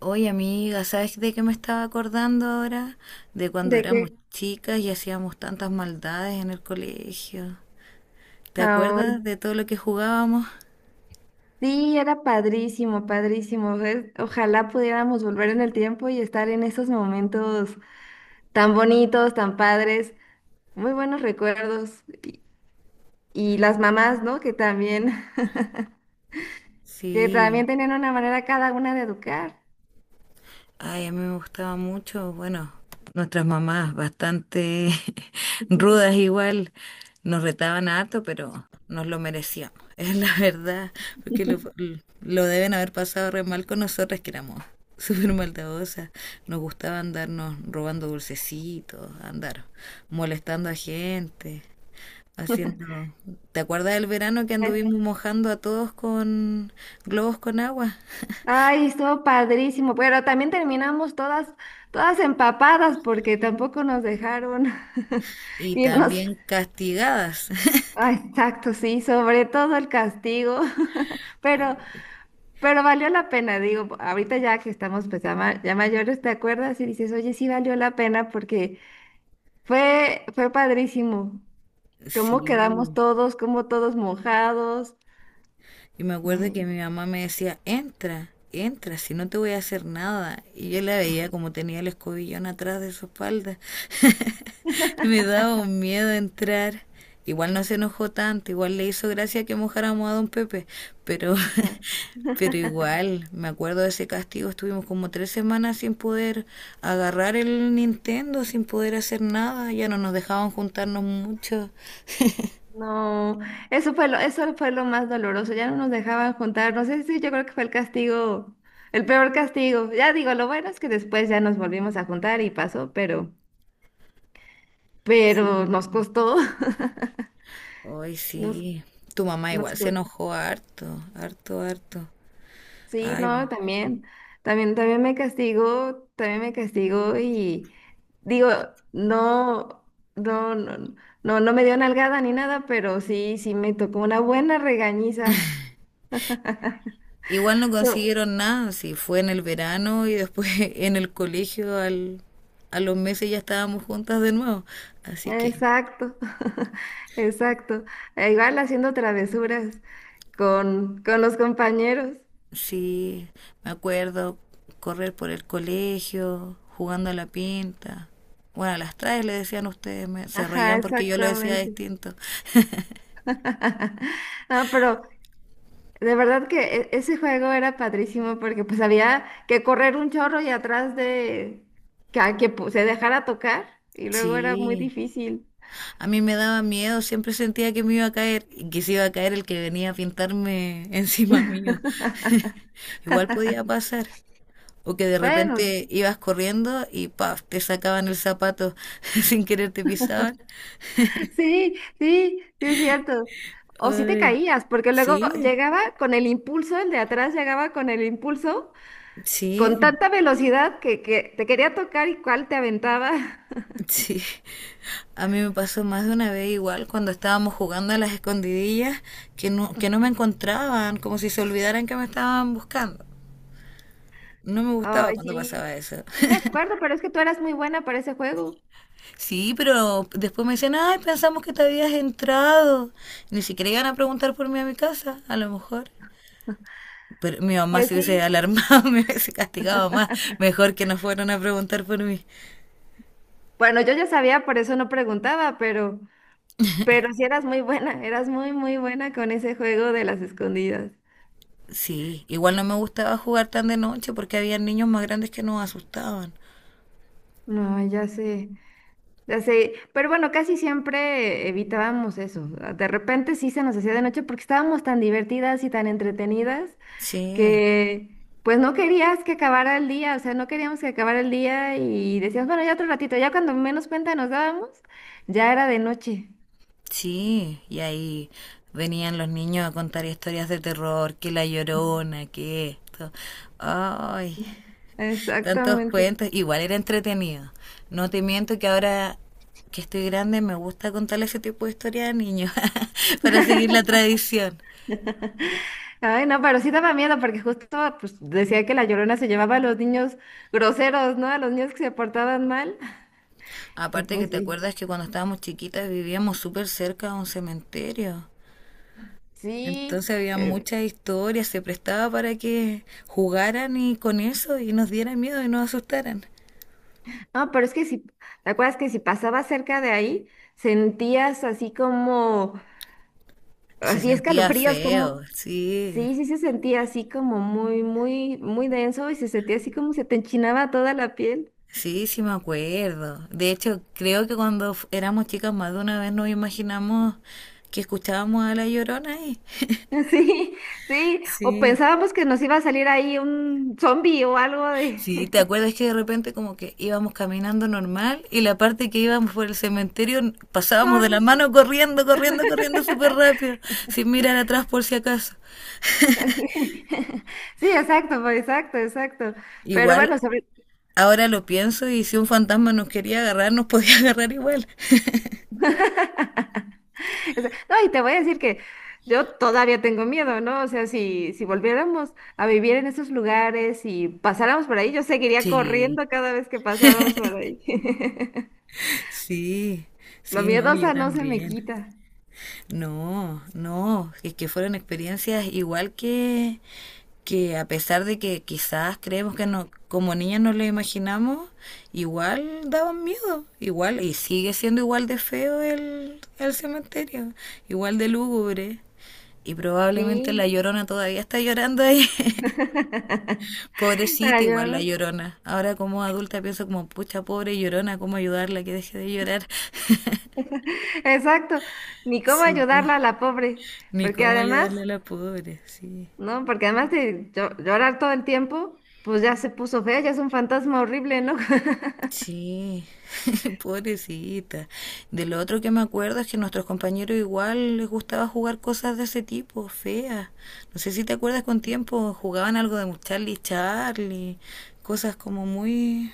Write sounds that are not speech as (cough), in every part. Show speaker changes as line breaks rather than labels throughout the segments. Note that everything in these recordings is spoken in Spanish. Oye, amiga, ¿sabes de qué me estaba acordando ahora? De cuando
De que,
éramos chicas y hacíamos tantas maldades en el colegio. ¿Te
Ay,
acuerdas de todo lo que jugábamos?
sí, era padrísimo, padrísimo. ¿Ves? Ojalá pudiéramos volver en el tiempo y estar en esos momentos tan bonitos, tan padres, muy buenos recuerdos. Y las mamás, ¿no? Que también, (laughs) que
Sí.
también tenían una manera cada una de educar.
Ay, a mí me gustaba mucho, bueno, nuestras mamás bastante (laughs) rudas igual, nos retaban harto, pero nos lo merecíamos, (laughs) es la verdad, porque lo,
(laughs)
lo deben haber pasado re mal con nosotras que éramos súper maldadosas, nos gustaba andarnos robando dulcecitos, andar molestando a gente, haciendo... ¿Te acuerdas del verano que
Eh,
anduvimos mojando a todos con globos con agua?
Ay, estuvo padrísimo, pero también terminamos todas empapadas porque tampoco nos dejaron (laughs)
Y
irnos.
también castigadas.
Ah, exacto, sí, sobre todo el castigo, (laughs) pero
(laughs)
pero valió la pena, digo, ahorita ya que estamos pues, ya, ya mayores, ¿te acuerdas? Y dices, oye, sí valió la pena porque fue padrísimo. Cómo
Sí,
quedamos todos, cómo todos mojados.
y me acuerdo que
Eh,
mi mamá me decía, entra, entra, si no te voy a hacer nada. Y yo la veía como tenía el escobillón atrás de su espalda. (laughs) Y me daba un miedo entrar. Igual no se enojó tanto, igual le hizo gracia que mojáramos a don Pepe, pero,
ajá.
(laughs) pero
(laughs)
igual, me acuerdo de ese castigo, estuvimos como 3 semanas sin poder agarrar el Nintendo, sin poder hacer nada, ya no nos dejaban juntarnos mucho.
No, eso fue lo más doloroso. Ya no nos dejaban juntar. No sé, si yo creo que fue el castigo, el peor castigo. Ya digo, lo bueno es que después ya nos volvimos a juntar y pasó, pero,
Sí.
pero nos costó,
Hoy
(laughs) nos,
sí. Tu mamá
nos,
igual se
co-
enojó harto, harto, harto.
Sí, no,
Ay.
también me castigo y digo, no, no, no, no, no me dio nalgada ni nada, pero sí me tocó una buena regañiza.
Igual no
So-
consiguieron nada, sí, fue en el verano y después (laughs) en el colegio a los meses ya estábamos juntas de nuevo. Así que
exacto, (laughs) exacto. E igual haciendo travesuras con los compañeros.
sí, me acuerdo correr por el colegio, jugando a la pinta. Bueno, a las traes le decían ustedes, se
Ajá,
reían porque yo lo decía
exactamente.
distinto. (laughs)
(laughs) No, pero de verdad que ese juego era padrísimo porque pues había que correr un chorro y atrás de que, se dejara tocar y luego era muy
Sí.
difícil.
A mí me daba miedo, siempre sentía que me iba a caer y que se iba a caer el que venía a pintarme (laughs) encima mío. (laughs) Igual podía pasar. O que de
Bueno,
repente ibas corriendo y ¡paf! Te sacaban el zapato (laughs) sin querer te pisaban.
(laughs) sí, sí, sí es cierto. O si te
Ay,
caías, porque luego
sí,
llegaba con el impulso, el de atrás llegaba con el impulso, con
sí,
tanta velocidad que te quería tocar y cuál te aventaba. (laughs)
sí. A mí me pasó más de una vez igual cuando estábamos jugando a las escondidillas que no me encontraban, como si se olvidaran que me estaban buscando. No me gustaba
Ay,
cuando
sí,
pasaba eso.
sí me
(laughs)
acuerdo, pero es que tú eras muy buena para ese juego.
Sí, pero después me dicen, ay, pensamos que te habías entrado. Ni siquiera iban a preguntar por mí a mi casa, a lo mejor. Pero mi mamá
Pues
se hubiese
sí.
alarmado, (laughs) me hubiese castigado más. Mejor que no fueran a preguntar por mí.
Bueno, yo ya sabía, por eso no preguntaba, pero sí eras muy buena, eras muy, muy buena con ese juego de las escondidas.
Sí, igual no me gustaba jugar tan de noche porque había niños más grandes que nos asustaban.
No, ya sé, ya sé. Pero bueno, casi siempre evitábamos eso. De repente sí se nos hacía de noche porque estábamos tan divertidas y tan entretenidas
Sí,
que pues no querías que acabara el día, o sea, no queríamos que acabara el día y decíamos, bueno, ya otro ratito, ya cuando menos cuenta nos dábamos, ya era de noche.
sí. Y ahí venían los niños a contar historias de terror, que la Llorona, que esto. Ay, tantos
Exactamente.
cuentos, igual era entretenido. No te miento que ahora que estoy grande me gusta contar ese tipo de historias a niños (laughs) para seguir la tradición.
Ay, no, pero sí daba miedo porque justo pues, decía que la Llorona se llevaba a los niños groseros, ¿no? A los niños que se portaban mal. Y
Aparte que
pues
te
sí.
acuerdas que cuando estábamos chiquitas vivíamos súper cerca de un cementerio.
Sí.
Entonces había
eh,
muchas historias, se prestaba para que jugaran y con eso y nos dieran miedo y nos asustaran.
no, pero es que ¿te acuerdas que si pasaba cerca de ahí, sentías así como,
Se
así
sentía
escalofríos,
feo,
como,
sí.
sí, sí se sentía así como muy, muy, muy denso y se sentía así como se te enchinaba toda la piel?
Sí, sí me acuerdo. De hecho, creo que cuando éramos chicas más de una vez nos imaginamos que escuchábamos a La Llorona ahí. (laughs)
(laughs) Sí, sí. O
Sí.
pensábamos que nos iba a salir ahí un zombie o algo de...
Sí, ¿te
(laughs)
acuerdas que de repente como que íbamos caminando normal y la parte que íbamos por el cementerio pasábamos de
Corre.
la mano corriendo, corriendo, corriendo súper rápido, sin mirar atrás por si acaso? (laughs)
(laughs) Sí, exacto, pues, exacto, exacto. Pero bueno,
Igual,
sobre... (laughs)
ahora lo pienso y si un fantasma nos quería agarrar, nos podía agarrar igual. (laughs)
O sea, no, y te voy a decir que yo todavía tengo miedo, ¿no? O sea, si volviéramos a vivir en esos lugares y pasáramos por ahí, yo seguiría
Sí,
corriendo cada vez que pasábamos por ahí. (laughs)
sí,
Lo
sí, no, yo
miedosa no se me
también.
quita.
No, no, es que fueron experiencias igual que a pesar de que quizás creemos que no, como niñas no lo imaginamos, igual daban miedo, igual, y sigue siendo igual de feo el cementerio, igual de lúgubre. Y probablemente la
Sí.
Llorona todavía está llorando ahí. (laughs)
(laughs) Para
Pobrecita
yo,
igual la
¿no?
Llorona. Ahora como adulta pienso como, pucha, pobre Llorona, ¿cómo ayudarla que deje de llorar? (laughs)
Exacto. Ni cómo
Sí.
ayudarla a la pobre.
Ni
Porque
cómo
además,
ayudarle a la pobre, sí.
no, porque además de llorar todo el tiempo, pues ya se puso fea, ya es un fantasma horrible, ¿no? (laughs)
Sí, (laughs) pobrecita. De lo otro que me acuerdo es que a nuestros compañeros igual les gustaba jugar cosas de ese tipo, feas. No sé si te acuerdas con tiempo, jugaban algo de Charlie Charlie, cosas como muy...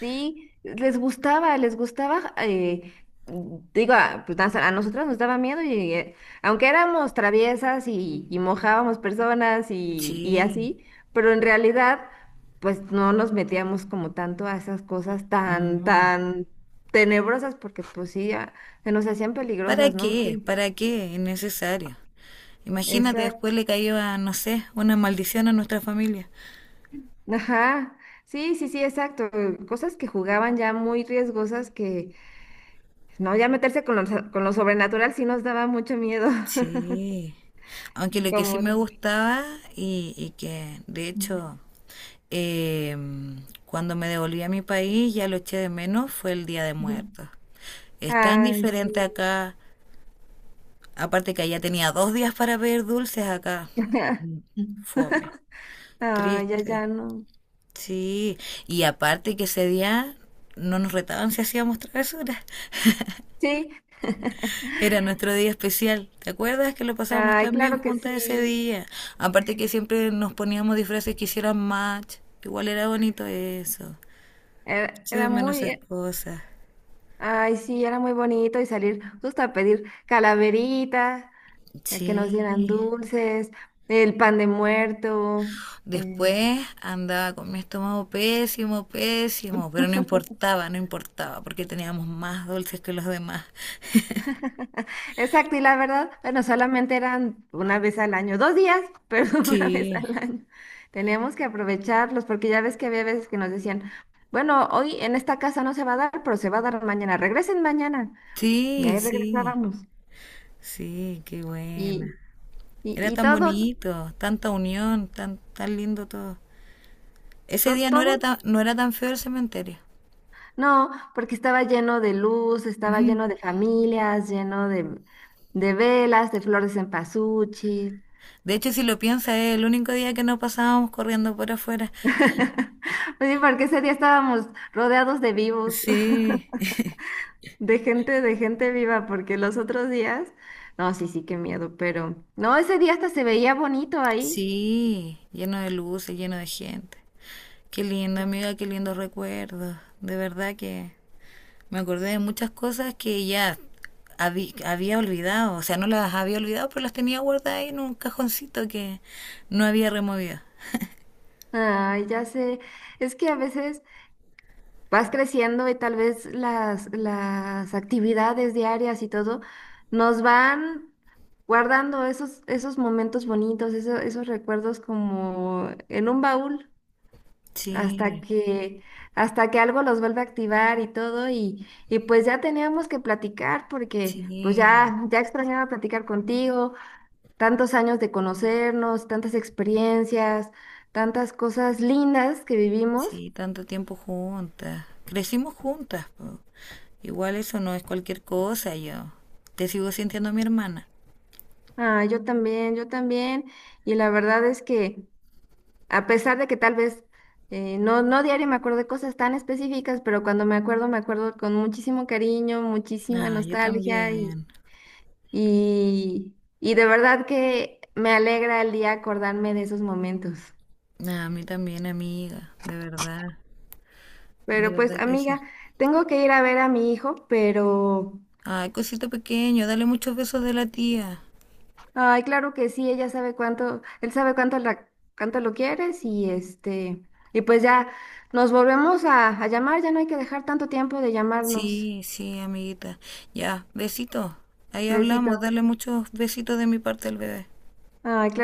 Sí, les gustaba, digo, a nosotros nos daba miedo y aunque éramos traviesas y, mojábamos personas y
Sí,
así, pero en realidad, pues no nos metíamos como tanto a esas cosas tan,
no.
tan tenebrosas, porque pues sí, ya, se nos hacían
¿Para
peligrosas, ¿no?
qué? ¿Para qué? Innecesario. Imagínate,
Exacto.
después le caía, no sé, una maldición a nuestra familia.
Ajá, sí, sí, sí, exacto. Cosas que jugaban ya muy riesgosas que, no, ya meterse con lo sobrenatural sí nos daba mucho miedo. (laughs)
Sí, aunque lo que sí
Como
me
dice.
gustaba y que de hecho eh, cuando me devolví a mi país ya lo eché de menos fue el Día de
Ujú.
Muertos. Es tan
Ay, sí.
diferente acá, aparte que allá tenía 2 días para pedir dulces, acá
(laughs)
fome,
Ay, ya,
triste.
ya no.
Sí, y aparte que ese día no nos retaban si hacíamos travesuras.
Sí, (laughs)
Era nuestro día especial. ¿Te acuerdas que lo pasábamos
ay,
tan bien
claro que
juntas ese
sí.
día? Aparte que siempre nos poníamos disfraces que hicieran match. Igual era bonito eso.
Era,
Se de
era
menos esas
muy,
cosas.
ay, sí, era muy bonito y salir justo a pedir calaverita, a que nos dieran
Sí.
dulces, el pan de muerto.
Después andaba con mi estómago pésimo, pésimo, pero no importaba, no importaba, porque teníamos más dulces que los demás.
Exacto, y la verdad, bueno, solamente eran una vez al año, 2 días, pero (laughs) una vez
Sí,
al año. Teníamos que aprovecharlos porque ya ves que había veces que nos decían, bueno, hoy en esta casa no se va a dar, pero se va a dar mañana, regresen mañana. Y
sí,
ahí
sí,
regresábamos.
sí, qué
Y,
buena.
y,
Era
y
tan
todo,
bonito, tanta unión, tan, tan lindo todo. Ese día no
todo,
era tan, no era tan feo el cementerio.
no, porque estaba lleno de luz, estaba
Ujú.
lleno de familias, lleno de velas, de flores en pasuchi.
De hecho, si lo piensas, es el único día que no pasábamos corriendo por afuera.
(laughs) Pues sí, porque ese día estábamos rodeados de vivos.
Sí. (laughs)
De gente viva, porque los otros días, no, sí, sí, qué miedo, pero no, ese día hasta se veía bonito ahí.
Sí, lleno de luces, lleno de gente. Qué lindo, amiga, qué lindos recuerdos. De verdad que me acordé de muchas cosas que ya había olvidado. O sea, no las había olvidado, pero las tenía guardadas ahí en un cajoncito que no había removido.
Ay, ya sé, es que a veces vas creciendo y tal vez las actividades diarias y todo nos van guardando esos momentos bonitos, esos recuerdos como en un baúl. hasta
Sí,
que, hasta que algo los vuelve a activar y todo, y pues ya teníamos que platicar porque pues
sí.
ya extrañaba platicar contigo, tantos años de conocernos, tantas experiencias, tantas cosas lindas que vivimos.
Sí, tanto tiempo juntas. Crecimos juntas. Po. Igual eso no es cualquier cosa, yo. Te sigo sintiendo mi hermana.
Ah, yo también, y la verdad es que a pesar de que tal vez no, no diario me acuerdo de cosas tan específicas, pero cuando me acuerdo con muchísimo cariño, muchísima
Ah, yo
nostalgia. Y,
también.
y de verdad que me alegra el día acordarme de esos momentos.
Ah, a mí también, amiga. De verdad. De
Pero pues,
verdad que sí.
amiga, tengo que ir a ver a mi hijo, pero
Ay, cosito pequeño, dale muchos besos de la tía.
ay, claro que sí, ella sabe cuánto, él sabe cuánto cuánto lo quieres y pues ya nos volvemos a llamar, ya no hay que dejar tanto tiempo de llamarnos.
Sí, sí, amiguita. Ya, besitos. Ahí hablamos,
Besitos.
dale muchos besitos de mi parte al bebé.
Ay, claro.